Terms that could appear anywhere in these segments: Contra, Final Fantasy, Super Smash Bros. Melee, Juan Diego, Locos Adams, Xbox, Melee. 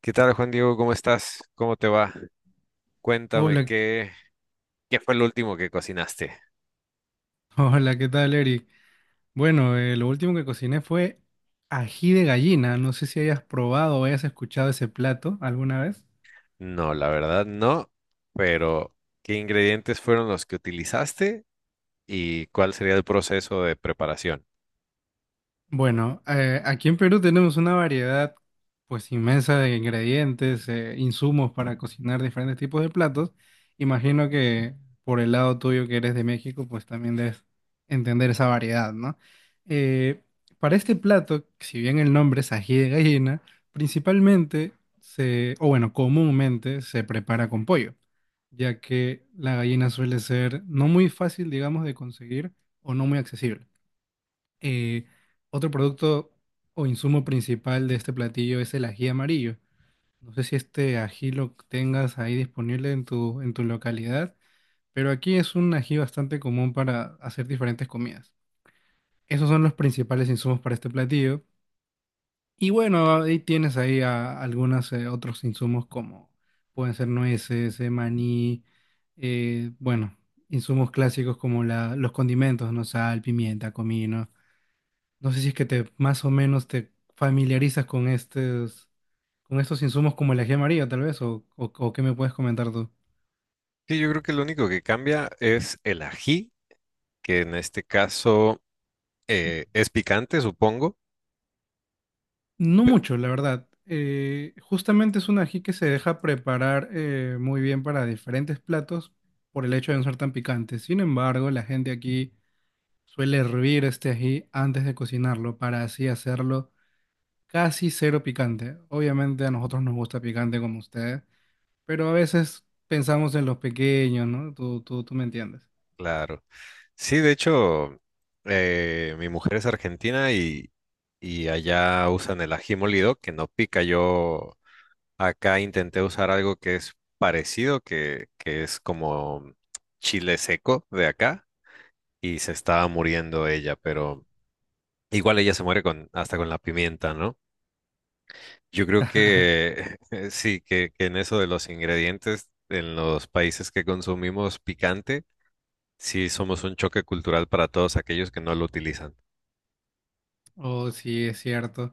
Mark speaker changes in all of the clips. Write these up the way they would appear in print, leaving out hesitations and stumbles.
Speaker 1: ¿Qué tal, Juan Diego? ¿Cómo estás? ¿Cómo te va? Cuéntame,
Speaker 2: Hola,
Speaker 1: ¿qué fue el último que cocinaste?
Speaker 2: hola, ¿qué tal, Eric? Bueno, lo último que cociné fue ají de gallina. No sé si hayas probado o hayas escuchado ese plato alguna vez.
Speaker 1: No, la verdad no, pero ¿qué ingredientes fueron los que utilizaste y cuál sería el proceso de preparación?
Speaker 2: Bueno, aquí en Perú tenemos una variedad pues inmensa de ingredientes, insumos para cocinar diferentes tipos de platos. Imagino que por el lado tuyo que eres de México, pues también debes entender esa variedad, ¿no? Eh, para este plato, si bien el nombre es ají de gallina, principalmente comúnmente se prepara con pollo, ya que la gallina suele ser no muy fácil, digamos, de conseguir o no muy accesible. Eh, Otro producto o insumo principal de este platillo es el ají amarillo. No sé si este ají lo tengas ahí disponible en en tu localidad, pero aquí es un ají bastante común para hacer diferentes comidas. Esos son los principales insumos para este platillo. Y bueno, ahí tienes ahí a- algunos otros insumos como pueden ser nueces, maní, bueno, insumos clásicos como los condimentos, ¿no? Sal, pimienta, comino. No sé si es que te más o menos te familiarizas con con estos insumos como el ají amarillo, tal vez, o qué me puedes comentar tú.
Speaker 1: Sí, yo creo que lo único que cambia es el ají, que en este caso es picante, supongo.
Speaker 2: No mucho, la verdad. Justamente es un ají que se deja preparar muy bien para diferentes platos por el hecho de no ser tan picante. Sin embargo, la gente aquí suele hervir este ají antes de cocinarlo para así hacerlo casi cero picante. Obviamente a nosotros nos gusta picante como ustedes, pero a veces pensamos en los pequeños, ¿no? Tú, tú me entiendes.
Speaker 1: Claro. Sí, de hecho, mi mujer es argentina y allá usan el ají molido, que no pica yo. Acá intenté usar algo que es parecido, que es como chile seco de acá, y se estaba muriendo ella, pero igual ella se muere con, hasta con la pimienta, ¿no? Yo creo que sí, que en eso de los ingredientes, en los países que consumimos picante, sí somos un choque cultural para todos aquellos que no lo utilizan.
Speaker 2: Oh, sí, es cierto.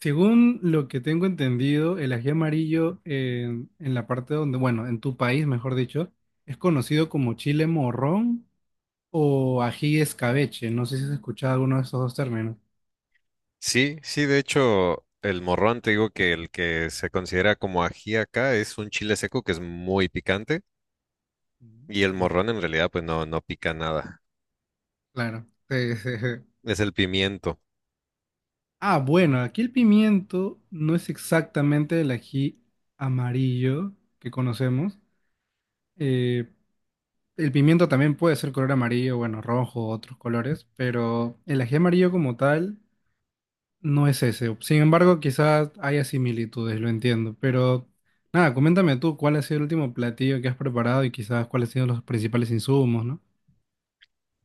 Speaker 2: Según lo que tengo entendido, el ají amarillo en la parte donde, bueno, en tu país, mejor dicho, es conocido como chile morrón o ají escabeche. No sé si has escuchado alguno de esos dos términos.
Speaker 1: Sí, sí, de hecho, el morrón, te digo que el que se considera como ají acá es un chile seco que es muy picante. Y el
Speaker 2: Mm.
Speaker 1: morrón en realidad pues no, no pica nada.
Speaker 2: Claro. Sí, sí, sí.
Speaker 1: Es el pimiento.
Speaker 2: Ah, bueno, aquí el pimiento no es exactamente el ají amarillo que conocemos, eh, el pimiento también puede ser color amarillo, bueno, rojo, otros colores, pero el ají amarillo como tal no es ese. Sin embargo, quizás haya similitudes, lo entiendo. Pero nada, coméntame tú cuál ha sido el último platillo que has preparado y quizás cuáles han sido los principales insumos, ¿no?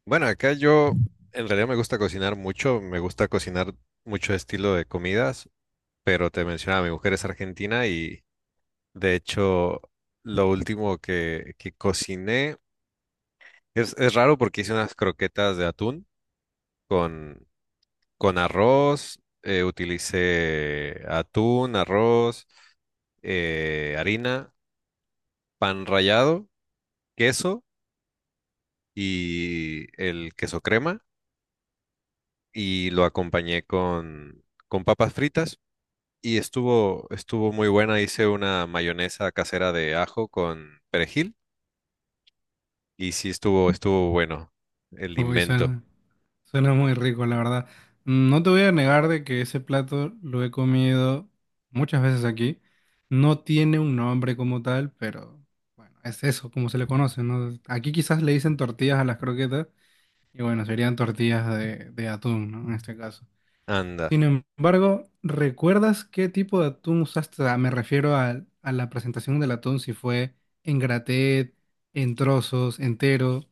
Speaker 1: Bueno, acá yo en realidad me gusta cocinar mucho, me gusta cocinar mucho estilo de comidas, pero te mencionaba, mi mujer es argentina y de hecho lo último que cociné es raro porque hice unas croquetas de atún con, con arroz, utilicé atún, arroz, harina, pan rallado, queso y el queso crema y lo acompañé con papas fritas y estuvo muy buena. Hice una mayonesa casera de ajo con perejil y sí estuvo bueno el
Speaker 2: Uy,
Speaker 1: invento.
Speaker 2: suena muy rico, la verdad. Mm, no te voy a negar de que ese plato lo he comido muchas veces aquí. No tiene un nombre como tal, pero bueno, es eso, como se le conoce, ¿no? Aquí quizás le dicen tortillas a las croquetas. Y bueno, serían tortillas de atún, ¿no? En este caso.
Speaker 1: Anda.
Speaker 2: Sin embargo, ¿recuerdas qué tipo de atún usaste? Ah, me refiero a la presentación del atún, si fue en graté, en trozos, entero.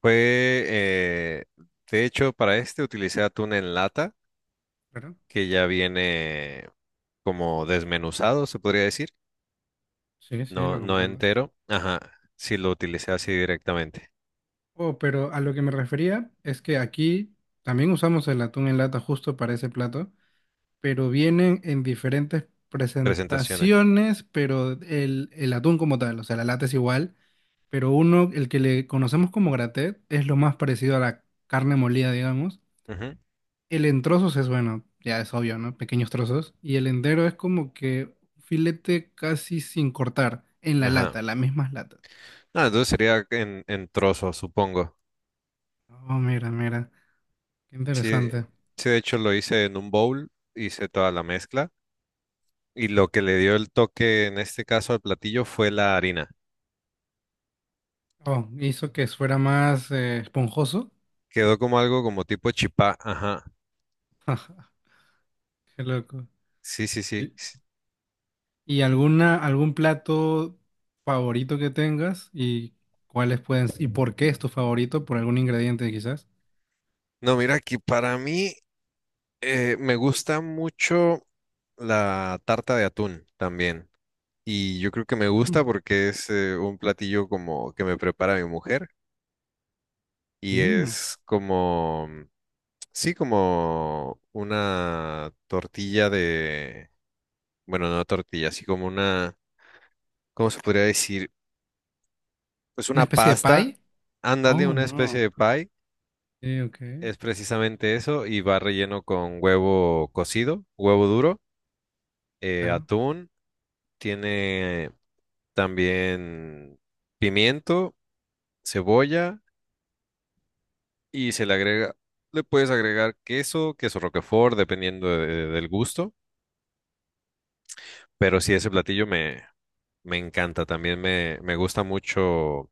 Speaker 1: Fue, de hecho, para este utilicé atún en lata
Speaker 2: Claro.
Speaker 1: que ya viene como desmenuzado, se podría decir.
Speaker 2: Sí, sí, lo
Speaker 1: No, no
Speaker 2: comprendo.
Speaker 1: entero. Ajá. Sí lo utilicé así directamente.
Speaker 2: Oh, pero a lo que me refería es que aquí también usamos el atún en lata justo para ese plato, pero vienen en diferentes
Speaker 1: Presentaciones.
Speaker 2: presentaciones, pero el atún como tal, o sea, la lata es igual, pero uno, el que le conocemos como gratet, es lo más parecido a la carne molida, digamos.
Speaker 1: Ujú,
Speaker 2: El en trozos es bueno, ya es obvio, ¿no? Pequeños trozos. Y el entero es como que un filete casi sin cortar, en la
Speaker 1: ajá.
Speaker 2: lata, las mismas latas.
Speaker 1: Ah, entonces sería en trozos, supongo.
Speaker 2: Oh, mira, mira, qué
Speaker 1: Sí,
Speaker 2: interesante.
Speaker 1: sí, de hecho lo hice en un bowl, hice toda la mezcla y lo que le dio el toque en este caso al platillo fue la harina.
Speaker 2: Oh, hizo que fuera más esponjoso.
Speaker 1: Quedó como algo como tipo chipá, ajá.
Speaker 2: Qué loco.
Speaker 1: Sí, sí, sí,
Speaker 2: ¿Y
Speaker 1: sí.
Speaker 2: alguna, algún plato favorito que tengas? ¿Y cuáles pueden, y por qué es tu favorito? ¿Por algún ingrediente quizás?
Speaker 1: No, mira que para mí me gusta mucho la tarta de atún también. Y yo creo que me gusta
Speaker 2: Mm.
Speaker 1: porque es un platillo como que me prepara mi mujer y
Speaker 2: Mm,
Speaker 1: es como, sí, como una tortilla de bueno, no tortilla, así como una, ¿cómo se podría decir? Pues
Speaker 2: ¿una
Speaker 1: una
Speaker 2: especie de
Speaker 1: pasta,
Speaker 2: pie?
Speaker 1: ándale,
Speaker 2: Oh,
Speaker 1: una especie
Speaker 2: no.
Speaker 1: de pie,
Speaker 2: Sí, ok,
Speaker 1: es precisamente eso, y va relleno con huevo cocido, huevo duro,
Speaker 2: claro.
Speaker 1: atún, tiene también pimiento, cebolla, y se le agrega, le puedes agregar queso, queso roquefort, dependiendo del gusto, pero sí, ese me encanta, también me gusta mucho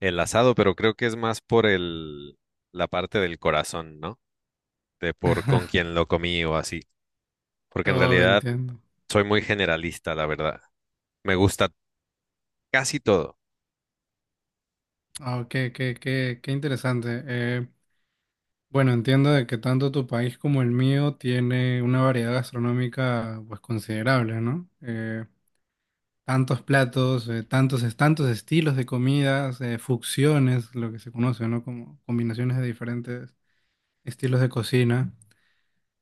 Speaker 1: el asado, pero creo que es más por la parte del corazón, ¿no? De por con quién lo comí o así. Porque en
Speaker 2: Oh,
Speaker 1: realidad
Speaker 2: entiendo.
Speaker 1: soy muy generalista, la verdad. Me gusta casi todo.
Speaker 2: Ah, qué interesante. Bueno, entiendo de que tanto tu país como el mío tiene una variedad gastronómica pues considerable, ¿no? Tantos platos, tantos estilos de comidas, fusiones, lo que se conoce, ¿no? Como combinaciones de diferentes estilos de cocina.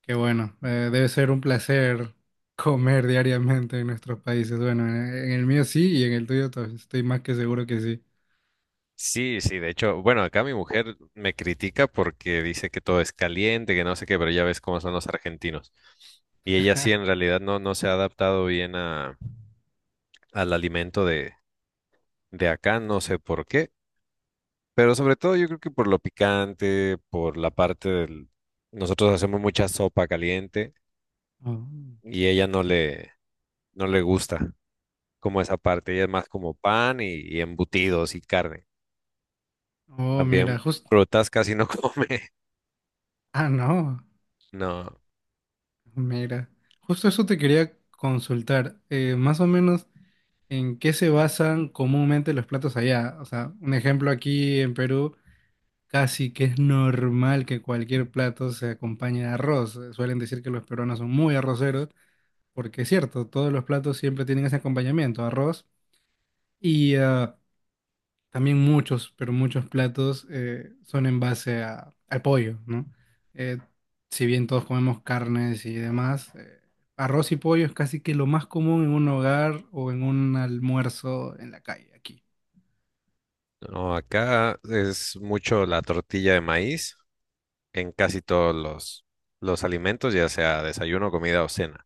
Speaker 2: Qué bueno, debe ser un placer comer diariamente en nuestros países. Bueno, en el mío sí y en el tuyo estoy más que seguro que sí.
Speaker 1: Sí, sí, de hecho, bueno, acá mi mujer me critica porque dice que todo es caliente, que no sé qué, pero ya ves cómo son los argentinos. Y ella sí, en realidad no, no se ha adaptado bien al alimento de acá, no sé por qué. Pero sobre todo yo creo que por lo picante, por la parte del... Nosotros hacemos mucha sopa caliente
Speaker 2: Oh,
Speaker 1: y ella no le gusta como esa parte. Ella es más como pan y embutidos y carne.
Speaker 2: oh, mira,
Speaker 1: También
Speaker 2: justo...
Speaker 1: frutas casi no come.
Speaker 2: Ah, no,
Speaker 1: No,
Speaker 2: mira. Justo eso te quería consultar. Más o menos, ¿en qué se basan comúnmente los platos allá? O sea, un ejemplo aquí en Perú, casi que es normal que cualquier plato se acompañe de arroz. Suelen decir que los peruanos son muy arroceros, porque es cierto, todos los platos siempre tienen ese acompañamiento, arroz, y ah, también muchos, pero muchos platos son en base al pollo, ¿no? Eh, si bien todos comemos carnes y demás, arroz y pollo es casi que lo más común en un hogar o en un almuerzo en la calle aquí.
Speaker 1: no, acá es mucho la tortilla de maíz en casi todos los alimentos, ya sea desayuno, comida o cena,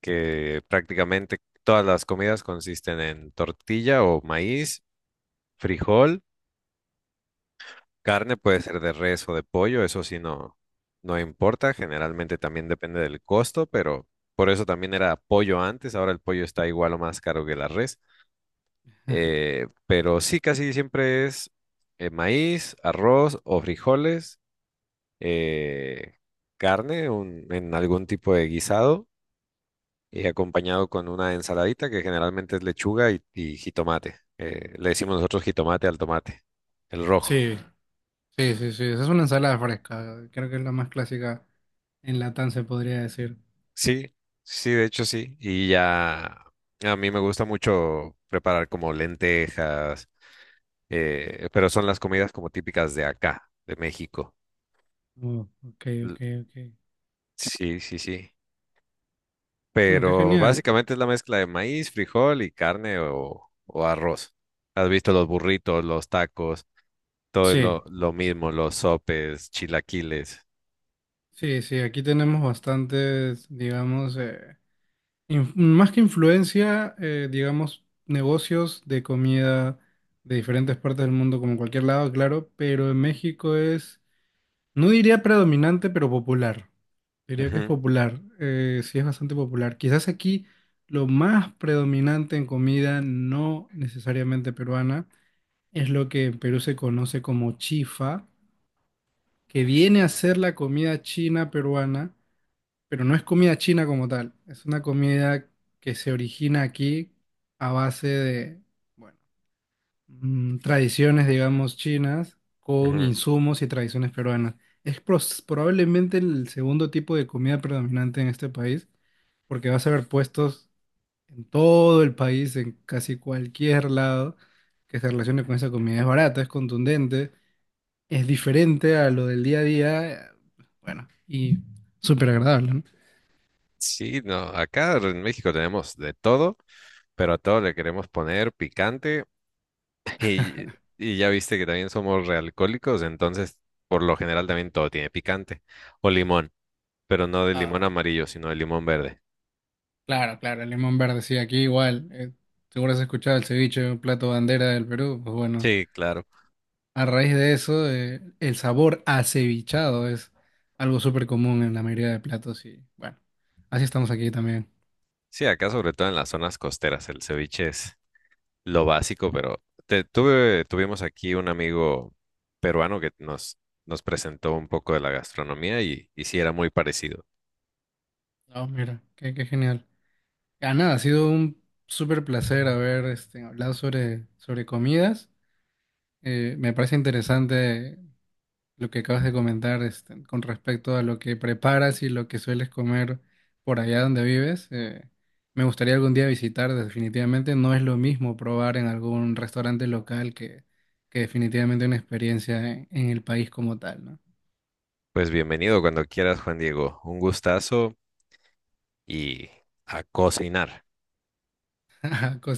Speaker 1: que prácticamente todas las comidas consisten en tortilla o maíz, frijol. Carne puede ser de res o de pollo, eso sí no, no importa, generalmente también depende del costo, pero por eso también era pollo antes, ahora el pollo está igual o más caro que la res. Pero sí, casi siempre es maíz, arroz o frijoles, eh, carne en algún tipo de guisado y acompañado con una ensaladita que generalmente es lechuga y jitomate. Le decimos nosotros jitomate al tomate, el rojo.
Speaker 2: Sí, sí, sí, esa es una ensalada fresca, creo que es la más clásica en Latam se podría decir.
Speaker 1: Sí, sí, de hecho sí. Y ya a mí me gusta mucho preparar como lentejas, pero son las comidas como típicas de acá, de México.
Speaker 2: Oh, ok,
Speaker 1: L-
Speaker 2: ok, ok.
Speaker 1: Sí, sí, sí.
Speaker 2: Bueno, qué
Speaker 1: Pero
Speaker 2: genial.
Speaker 1: básicamente es la mezcla de maíz, frijol y carne o arroz. Has visto los burritos, los tacos, todo es
Speaker 2: Sí,
Speaker 1: lo mismo, los sopes, chilaquiles.
Speaker 2: sí, sí, aquí tenemos bastantes, digamos, más que influencia, digamos, negocios de comida de diferentes partes del mundo, como en cualquier lado, claro, pero en México es, no diría predominante, pero popular. Diría que es
Speaker 1: Ujú,
Speaker 2: popular, sí es bastante popular. Quizás aquí lo más predominante en comida, no necesariamente peruana, es lo que en Perú se conoce como chifa, que viene a ser la comida china peruana, pero no es comida china como tal. Es una comida que se origina aquí a base de, bueno, tradiciones, digamos, chinas con
Speaker 1: ujú.
Speaker 2: insumos y tradiciones peruanas. Es probablemente el segundo tipo de comida predominante en este país, porque vas a ver puestos en todo el país, en casi cualquier lado que se relacione con esa comida. Es barata, es contundente, es diferente a lo del día a día, bueno, y súper agradable,
Speaker 1: Sí, no, acá en México tenemos de todo, pero a todo le queremos poner picante. Y, y ya viste que también somos realcohólicos, entonces por lo general también todo tiene picante. O limón, pero no de limón
Speaker 2: ¿no?
Speaker 1: amarillo, sino de limón verde.
Speaker 2: Claro, claro, el limón verde, sí, aquí igual. Seguro has escuchado el ceviche, un plato bandera del Perú. Pues bueno,
Speaker 1: Sí, claro.
Speaker 2: a raíz de eso, el sabor acevichado es algo súper común en la mayoría de platos y bueno, así estamos aquí también.
Speaker 1: Sí, acá sobre todo en las zonas costeras el ceviche es lo básico, pero tuve, tuvimos aquí un amigo peruano nos presentó un poco de la gastronomía y sí era muy parecido.
Speaker 2: Oh, mira, qué genial. Ah, nada, ha sido un súper placer haber este, hablado sobre comidas. Me parece interesante lo que acabas de comentar este, con respecto a lo que preparas y lo que sueles comer por allá donde vives. Me gustaría algún día visitar, definitivamente no es lo mismo probar en algún restaurante local que definitivamente una experiencia en el país como tal, ¿no?
Speaker 1: Pues bienvenido cuando quieras, Juan Diego. Un gustazo y a cocinar.
Speaker 2: Cosa